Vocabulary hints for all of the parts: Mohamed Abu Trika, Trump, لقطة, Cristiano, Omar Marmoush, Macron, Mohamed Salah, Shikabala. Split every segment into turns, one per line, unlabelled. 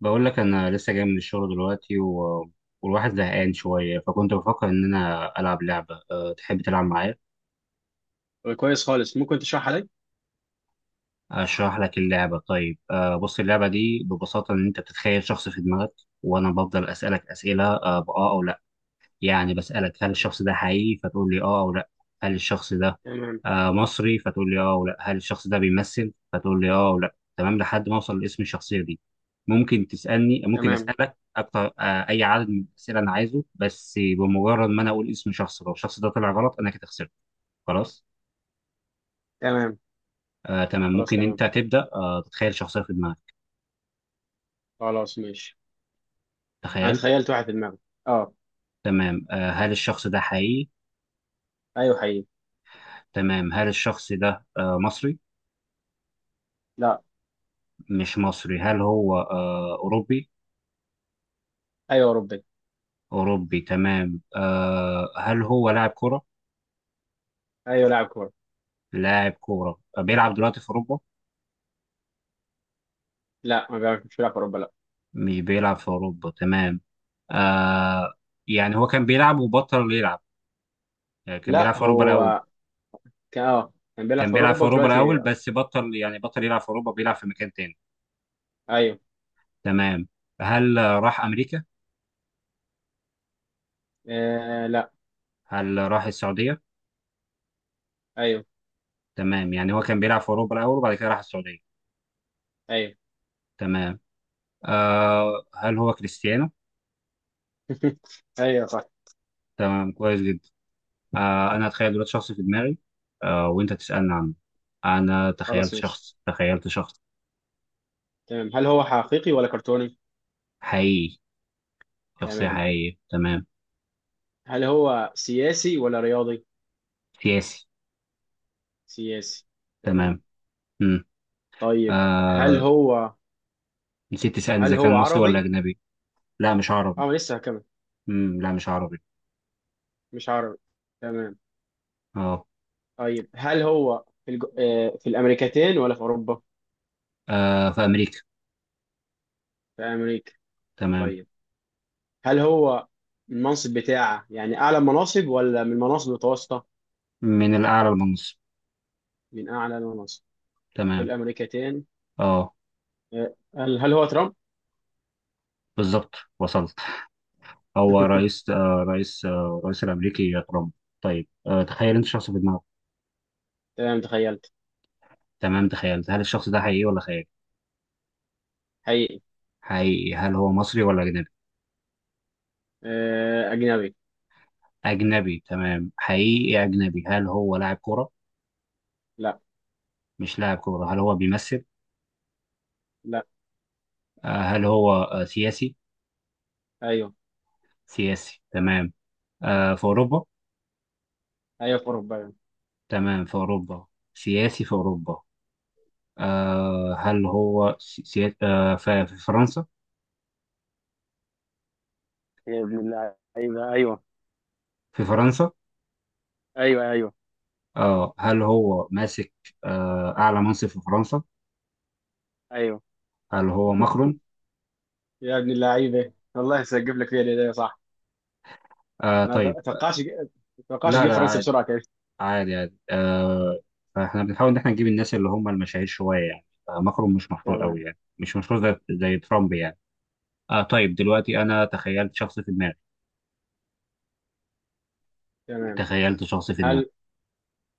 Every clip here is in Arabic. بقول لك انا لسه جاي من الشغل دلوقتي والواحد زهقان شويه، فكنت بفكر ان انا العب لعبه. تحب تلعب معايا؟
كويس خالص، ممكن تشرحها لي.
اشرح لك اللعبه. طيب، بص، اللعبه دي ببساطه ان انت بتتخيل شخص في دماغك، وانا بفضل اسالك اسئله باه او لا. يعني بسألك هل الشخص ده حقيقي، فتقول لي اه او لا. هل الشخص ده
تمام.
مصري، فتقول لي اه او لا. هل الشخص ده بيمثل، فتقول لي اه او لا. تمام، لحد ما اوصل لاسم الشخصية دي. ممكن
تمام.
أسألك أكتر، أي عدد من الأسئلة أنا عايزه. بس بمجرد ما أنا أقول اسم شخص لو الشخص ده طلع غلط، أنا كده خسرت. خلاص.
تمام.
تمام،
خلاص.
ممكن
تمام.
أنت تبدأ، تتخيل شخصية في دماغك.
خلاص، ماشي. انا
تخيلت.
تخيلت واحد في دماغي. اه.
تمام، هل الشخص ده حقيقي؟
ايوه، حقيقي.
تمام، هل الشخص ده مصري؟
لا.
مش مصري. هل هو أوروبي؟
ايوه، اوروبي.
أوروبي، تمام. هل هو لاعب كرة؟
ايوه، لاعب كوره.
لاعب كرة، بيلعب دلوقتي في أوروبا؟
لا، ما بيعرفش، مش بيلعب في اوروبا، لا.
مش بيلعب في أوروبا، تمام. آه يعني هو كان بيلعب وبطل يلعب؟ يعني كان بيلعب
لا،
في أوروبا الأول؟
هو كان بيلعب
كان
في
بيلعب في
اوروبا
أوروبا
ودلوقتي.
الأول، بس بطل يعني بطل يلعب في أوروبا، بيلعب في مكان تاني.
ايوه.
تمام. هل راح أمريكا؟
آه. لا.
هل راح السعودية؟
ايوه.
تمام، يعني هو كان بيلعب في أوروبا الأول وبعد كده راح السعودية.
ايوه.
تمام. هل هو كريستيانو؟
ايوه، صح.
تمام، كويس جدا. انا اتخيل دلوقتي شخص في دماغي، وانت تسالني عنه. انا تخيلت
خلاص، ماشي.
شخص تخيلت شخص.
تمام، هل هو حقيقي ولا كرتوني؟
حقيقي، شخصيه
تمام،
حقيقيه، تمام.
هل هو سياسي ولا رياضي؟
سياسي،
سياسي. تمام.
تمام. امم
طيب. هل
آه
هو
نسيت تسالني
هل
اذا
هو
كان مصري ولا
عربي؟
اجنبي. لا، مش عربي.
اه، لسه هكمل.
لا، مش عربي.
مش عربي. تمام.
اه.
طيب، هل هو في الج... آه، في الامريكتين ولا في اوروبا؟
في امريكا،
في امريكا.
تمام.
طيب، هل هو المنصب بتاعه، يعني اعلى مناصب ولا من المناصب المتوسطه؟
من الاعلى للمنصب،
من اعلى المناصب. في
تمام.
الامريكتين.
اه،
هل هو ترامب؟
بالظبط وصلت. هو رئيس الامريكي ترامب. طيب، تخيل انت شخص في دماغك.
تمام. تخيلت.
تمام، تخيلت. هل الشخص ده حقيقي ولا خيال؟
حقيقي.
حقيقي. هل هو مصري ولا أجنبي؟
اجنبي.
أجنبي، تمام، حقيقي أجنبي. هل هو لاعب كرة؟
لا.
مش لاعب كرة. هل هو بيمثل؟
لا.
هل هو سياسي؟
ايوه.
سياسي، تمام. في أوروبا؟
ايوه في اوروبا أيوة.
تمام، في أوروبا، سياسي في أوروبا. هل هو في فرنسا؟
يا ابن اللعيبة. أيوه، أيوه.
في فرنسا.
أيوه، أيوه.
هل هو ماسك أعلى منصب في فرنسا؟
أيوه.
هل هو ماكرون؟
يا ابن اللعيبه، والله سجف لك فيها الهدايا، صح. انا
طيب.
ما توقعش
لا
تجيب
لا،
فرنسا
عادي
بسرعه كده.
عادي، فاحنا بنحاول ان احنا نجيب الناس اللي هم المشاهير شويه، يعني ماكرون مش مشهور قوي،
تمام.
يعني مش مشهور زي ترامب يعني. طيب، دلوقتي انا تخيلت شخص في دماغي.
تمام،
تخيلت شخص في دماغي.
هل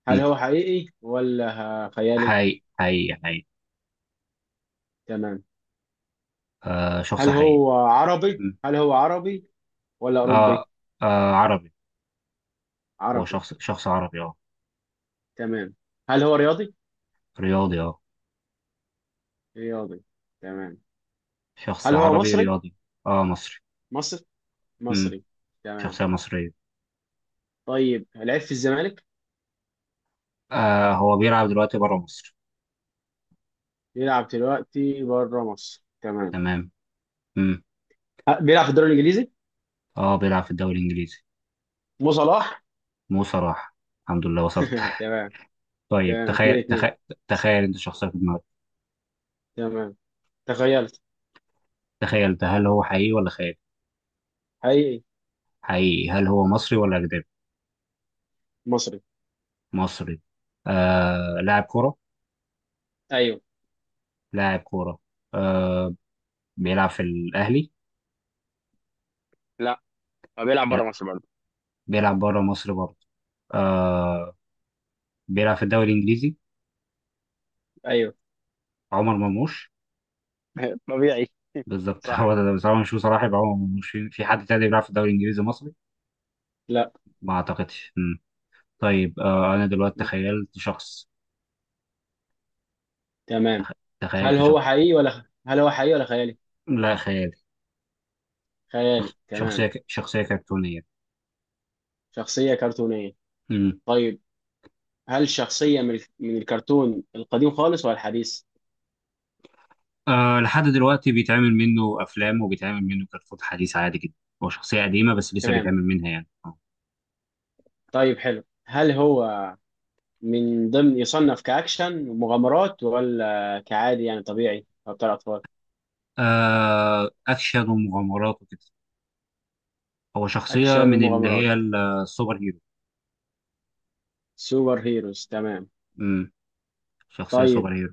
هل
مم.
هو حقيقي ولا خيالي؟
حقيقي حقيقي حقيقي.
تمام،
شخص
هل
حقيقي.
هو عربي
مم.
هل هو عربي ولا اوروبي؟
آه عربي. هو
عربي.
شخص عربي، اه.
تمام، هل هو رياضي؟
رياضي، اه.
رياضي. تمام.
شخص
هل هو
عربي
مصري؟
رياضي، اه. مصري.
مصري.
مم.
مصري. تمام.
شخصية مصرية.
طيب، لعب في الزمالك.
هو بيلعب دلوقتي بره مصر،
بيلعب دلوقتي بره مصر. تمام.
تمام. مم.
بيلعب في الدوري الانجليزي.
اه، بيلعب في الدوري الانجليزي.
مو صلاح.
مو صلاح. الحمد لله وصلت.
تمام.
طيب،
تمام، اتنين
تخيل
اتنين.
تخيل. تخيل انت شخصيه في دماغك.
تمام، تخيلت.
تخيل ده، هل هو حقيقي ولا خيال؟
حقيقي.
حقيقي. هل هو مصري ولا اجنبي؟
مصري.
مصري. لاعب كوره.
ايوه.
لاعب كوره. آه بيلعب في الاهلي.
هو بيلعب بره
لا،
مصر برضه.
بيلعب بره مصر برضه. آه بيلعب في الدوري الانجليزي.
ايوه.
عمر مرموش.
طبيعي.
بالظبط هو
صح.
ده. بس هو مش هو صلاح، يبقى عمر مرموش، في حد تاني بيلعب في الدوري الانجليزي مصري؟
لا.
ما اعتقدش. مم. طيب، انا دلوقتي تخيلت شخص.
تمام،
تخ- تخيلت شخص.
هل هو حقيقي ولا خيالي؟
لا، خيالي.
خيالي. تمام.
شخصيه كرتونيه.
شخصية كرتونية.
مم.
طيب، هل شخصية من الكرتون القديم خالص ولا الحديث؟
لحد دلوقتي بيتعمل منه افلام وبيتعمل منه كرتون حديث، عادي جدا. هو شخصيه قديمه بس لسه
تمام.
بيتعمل منها، يعني
طيب، حلو. هل هو من ضمن يصنف كأكشن ومغامرات ولا كعادي، يعني طبيعي أو بتاع أطفال؟
اكشن ومغامرات وكده. هو شخصيه
أكشن
من اللي
ومغامرات.
هي السوبر هيرو.
سوبر هيروز. تمام.
مم. شخصيه
طيب.
سوبر هيرو.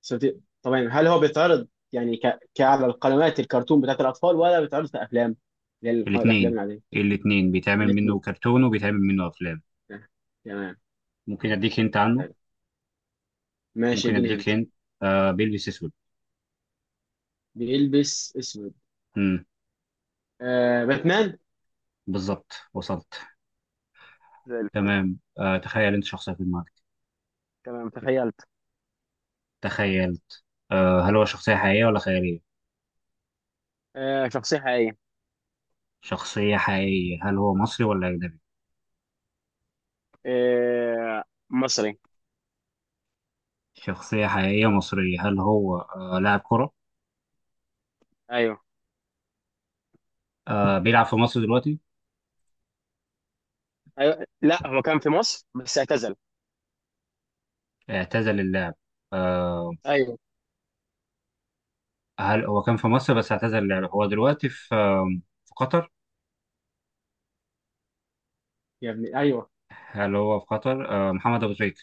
طبعا، هل هو بيتعرض، يعني كعلى القنوات الكرتون بتاعت الأطفال ولا بيتعرض كأفلام، اللي هي الأفلام
الاثنين.
العادية؟
الاثنين، بيتعمل منه
الاثنين.
كرتون وبيتعمل منه افلام.
آه، تمام.
ممكن اديك هنت عنه.
تمام. ماشي،
ممكن
اديني
اديك
هنت.
هنت. بيلبس اسود.
بيلبس اسود.
مم.
باتمان.
بالظبط وصلت.
زي الفل.
تمام، تخيل انت شخصيه في دماغك.
تمام، تخيلت.
تخيلت. هل هو شخصيه حقيقيه ولا خياليه؟
شخصية حقيقية.
شخصية حقيقية. هل هو مصري ولا أجنبي؟
آه مصري.
شخصية حقيقية مصرية. هل هو لاعب كرة؟
ايوه.
بيلعب في مصر دلوقتي؟
ايوه، لا هو كان في مصر بس اعتزل.
اعتزل اللعب. آه
ايوه.
هل هو كان في مصر بس اعتزل اللعب. هو دلوقتي في قطر؟
يا ابني، أيوه.
هل هو في قطر؟ محمد أبو تريكة.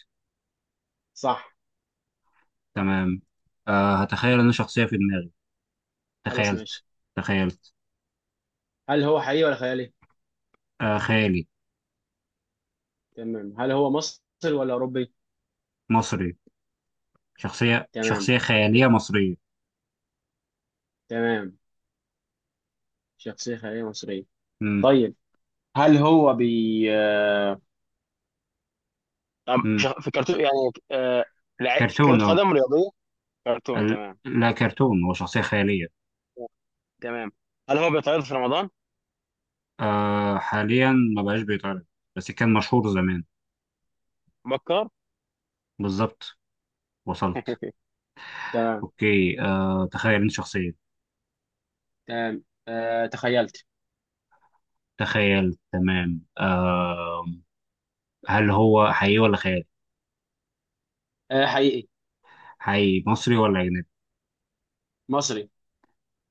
صح. صح.
تمام. هتخيل إن شخصية في دماغي.
خلاص،
تخيلت.
ماشي.
تخيلت.
هل هو حقيقي ولا خيالي؟
خيالي.
تمام، هل هو مصري ولا أوروبي؟
مصري. شخصية
تمام.
شخصية خيالية مصرية.
تمام. شخصية خيالية مصرية.
مم.
طيب، هل هو بي آه، طب
مم.
شخ- في كرتون، يعني لعيب في كرة
كرتون، اه.
قدم رياضية؟ كرتون. تمام.
لا، كرتون، هو شخصية خيالية.
تمام، هل هو بيتعرض في رمضان؟
حاليا ما بقاش بيتعرض، بس كان مشهور زمان.
بكر.
بالظبط وصلت.
تمام.
اوكي، تخيل انت شخصية.
تمام، تخيلت.
تخيل، تمام. هل هو حقيقي ولا خيال؟
حقيقي.
حقيقي. مصري ولا اجنبي؟
مصري.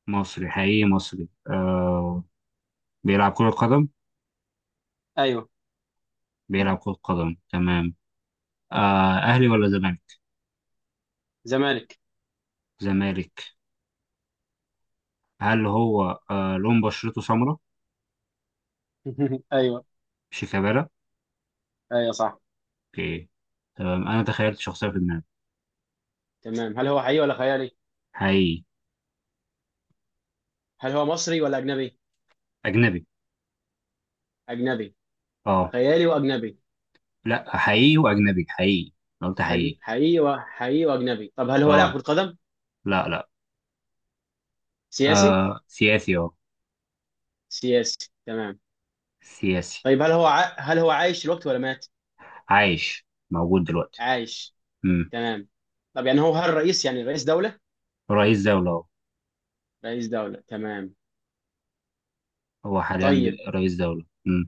مصري، حقيقي مصري. بيلعب كرة قدم.
ايوه.
بيلعب كرة قدم، تمام. اهلي ولا زمالك؟
زمالك.
زمالك. هل هو لون بشرته سمراء؟
ايوه،
شيكابالا.
ايوه صح.
اوكي، تمام، انا تخيلت شخصية في دماغي.
تمام، هل هو حقيقي ولا خيالي؟
حقيقي.
هل هو مصري ولا اجنبي؟
اجنبي،
اجنبي.
اه.
خيالي واجنبي.
لا، حقيقي واجنبي، حقيقي. أنا قلت
حقيقي.
حقيقي.
حقيقي وحقيقي واجنبي. طب هل هو لاعب
اه،
كرة قدم؟
لا لا.
سياسي.
سياسي، اه.
سياسي. تمام.
سياسي.
طيب، هل هو عايش دلوقتي ولا مات؟
عايش، موجود دلوقتي.
عايش.
امم
تمام. طب يعني هو هل الرئيس يعني رئيس دولة؟
رئيس دولة، اه.
رئيس دولة. تمام.
هو حاليا
طيب.
رئيس دولة.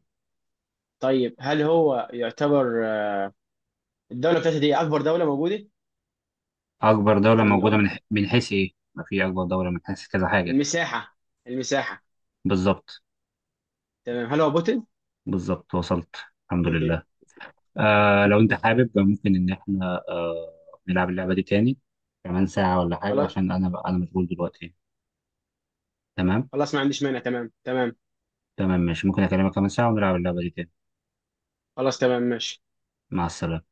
طيب. هل هو يعتبر الدولة بتاعته دي أكبر دولة موجودة؟
اكبر دولة
في
موجودة من
الأوروبا؟
من حيث ايه؟ ما في اكبر دولة من حيث كذا حاجة.
المساحة. المساحة.
بالظبط.
تمام، هل هو بوتين؟
بالظبط وصلت. الحمد لله. لو انت حابب ممكن ان احنا نلعب اللعبة دي تاني كمان ساعة ولا حاجة،
خلاص.
عشان انا مشغول دلوقتي. تمام.
خلاص، ما عنديش مانع. تمام. تمام.
تمام، ماشي، ممكن اكلمك كمان ساعة ونلعب اللعبة دي تاني.
خلاص، تمام، ماشي.
مع السلامة.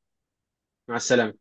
مع السلامة.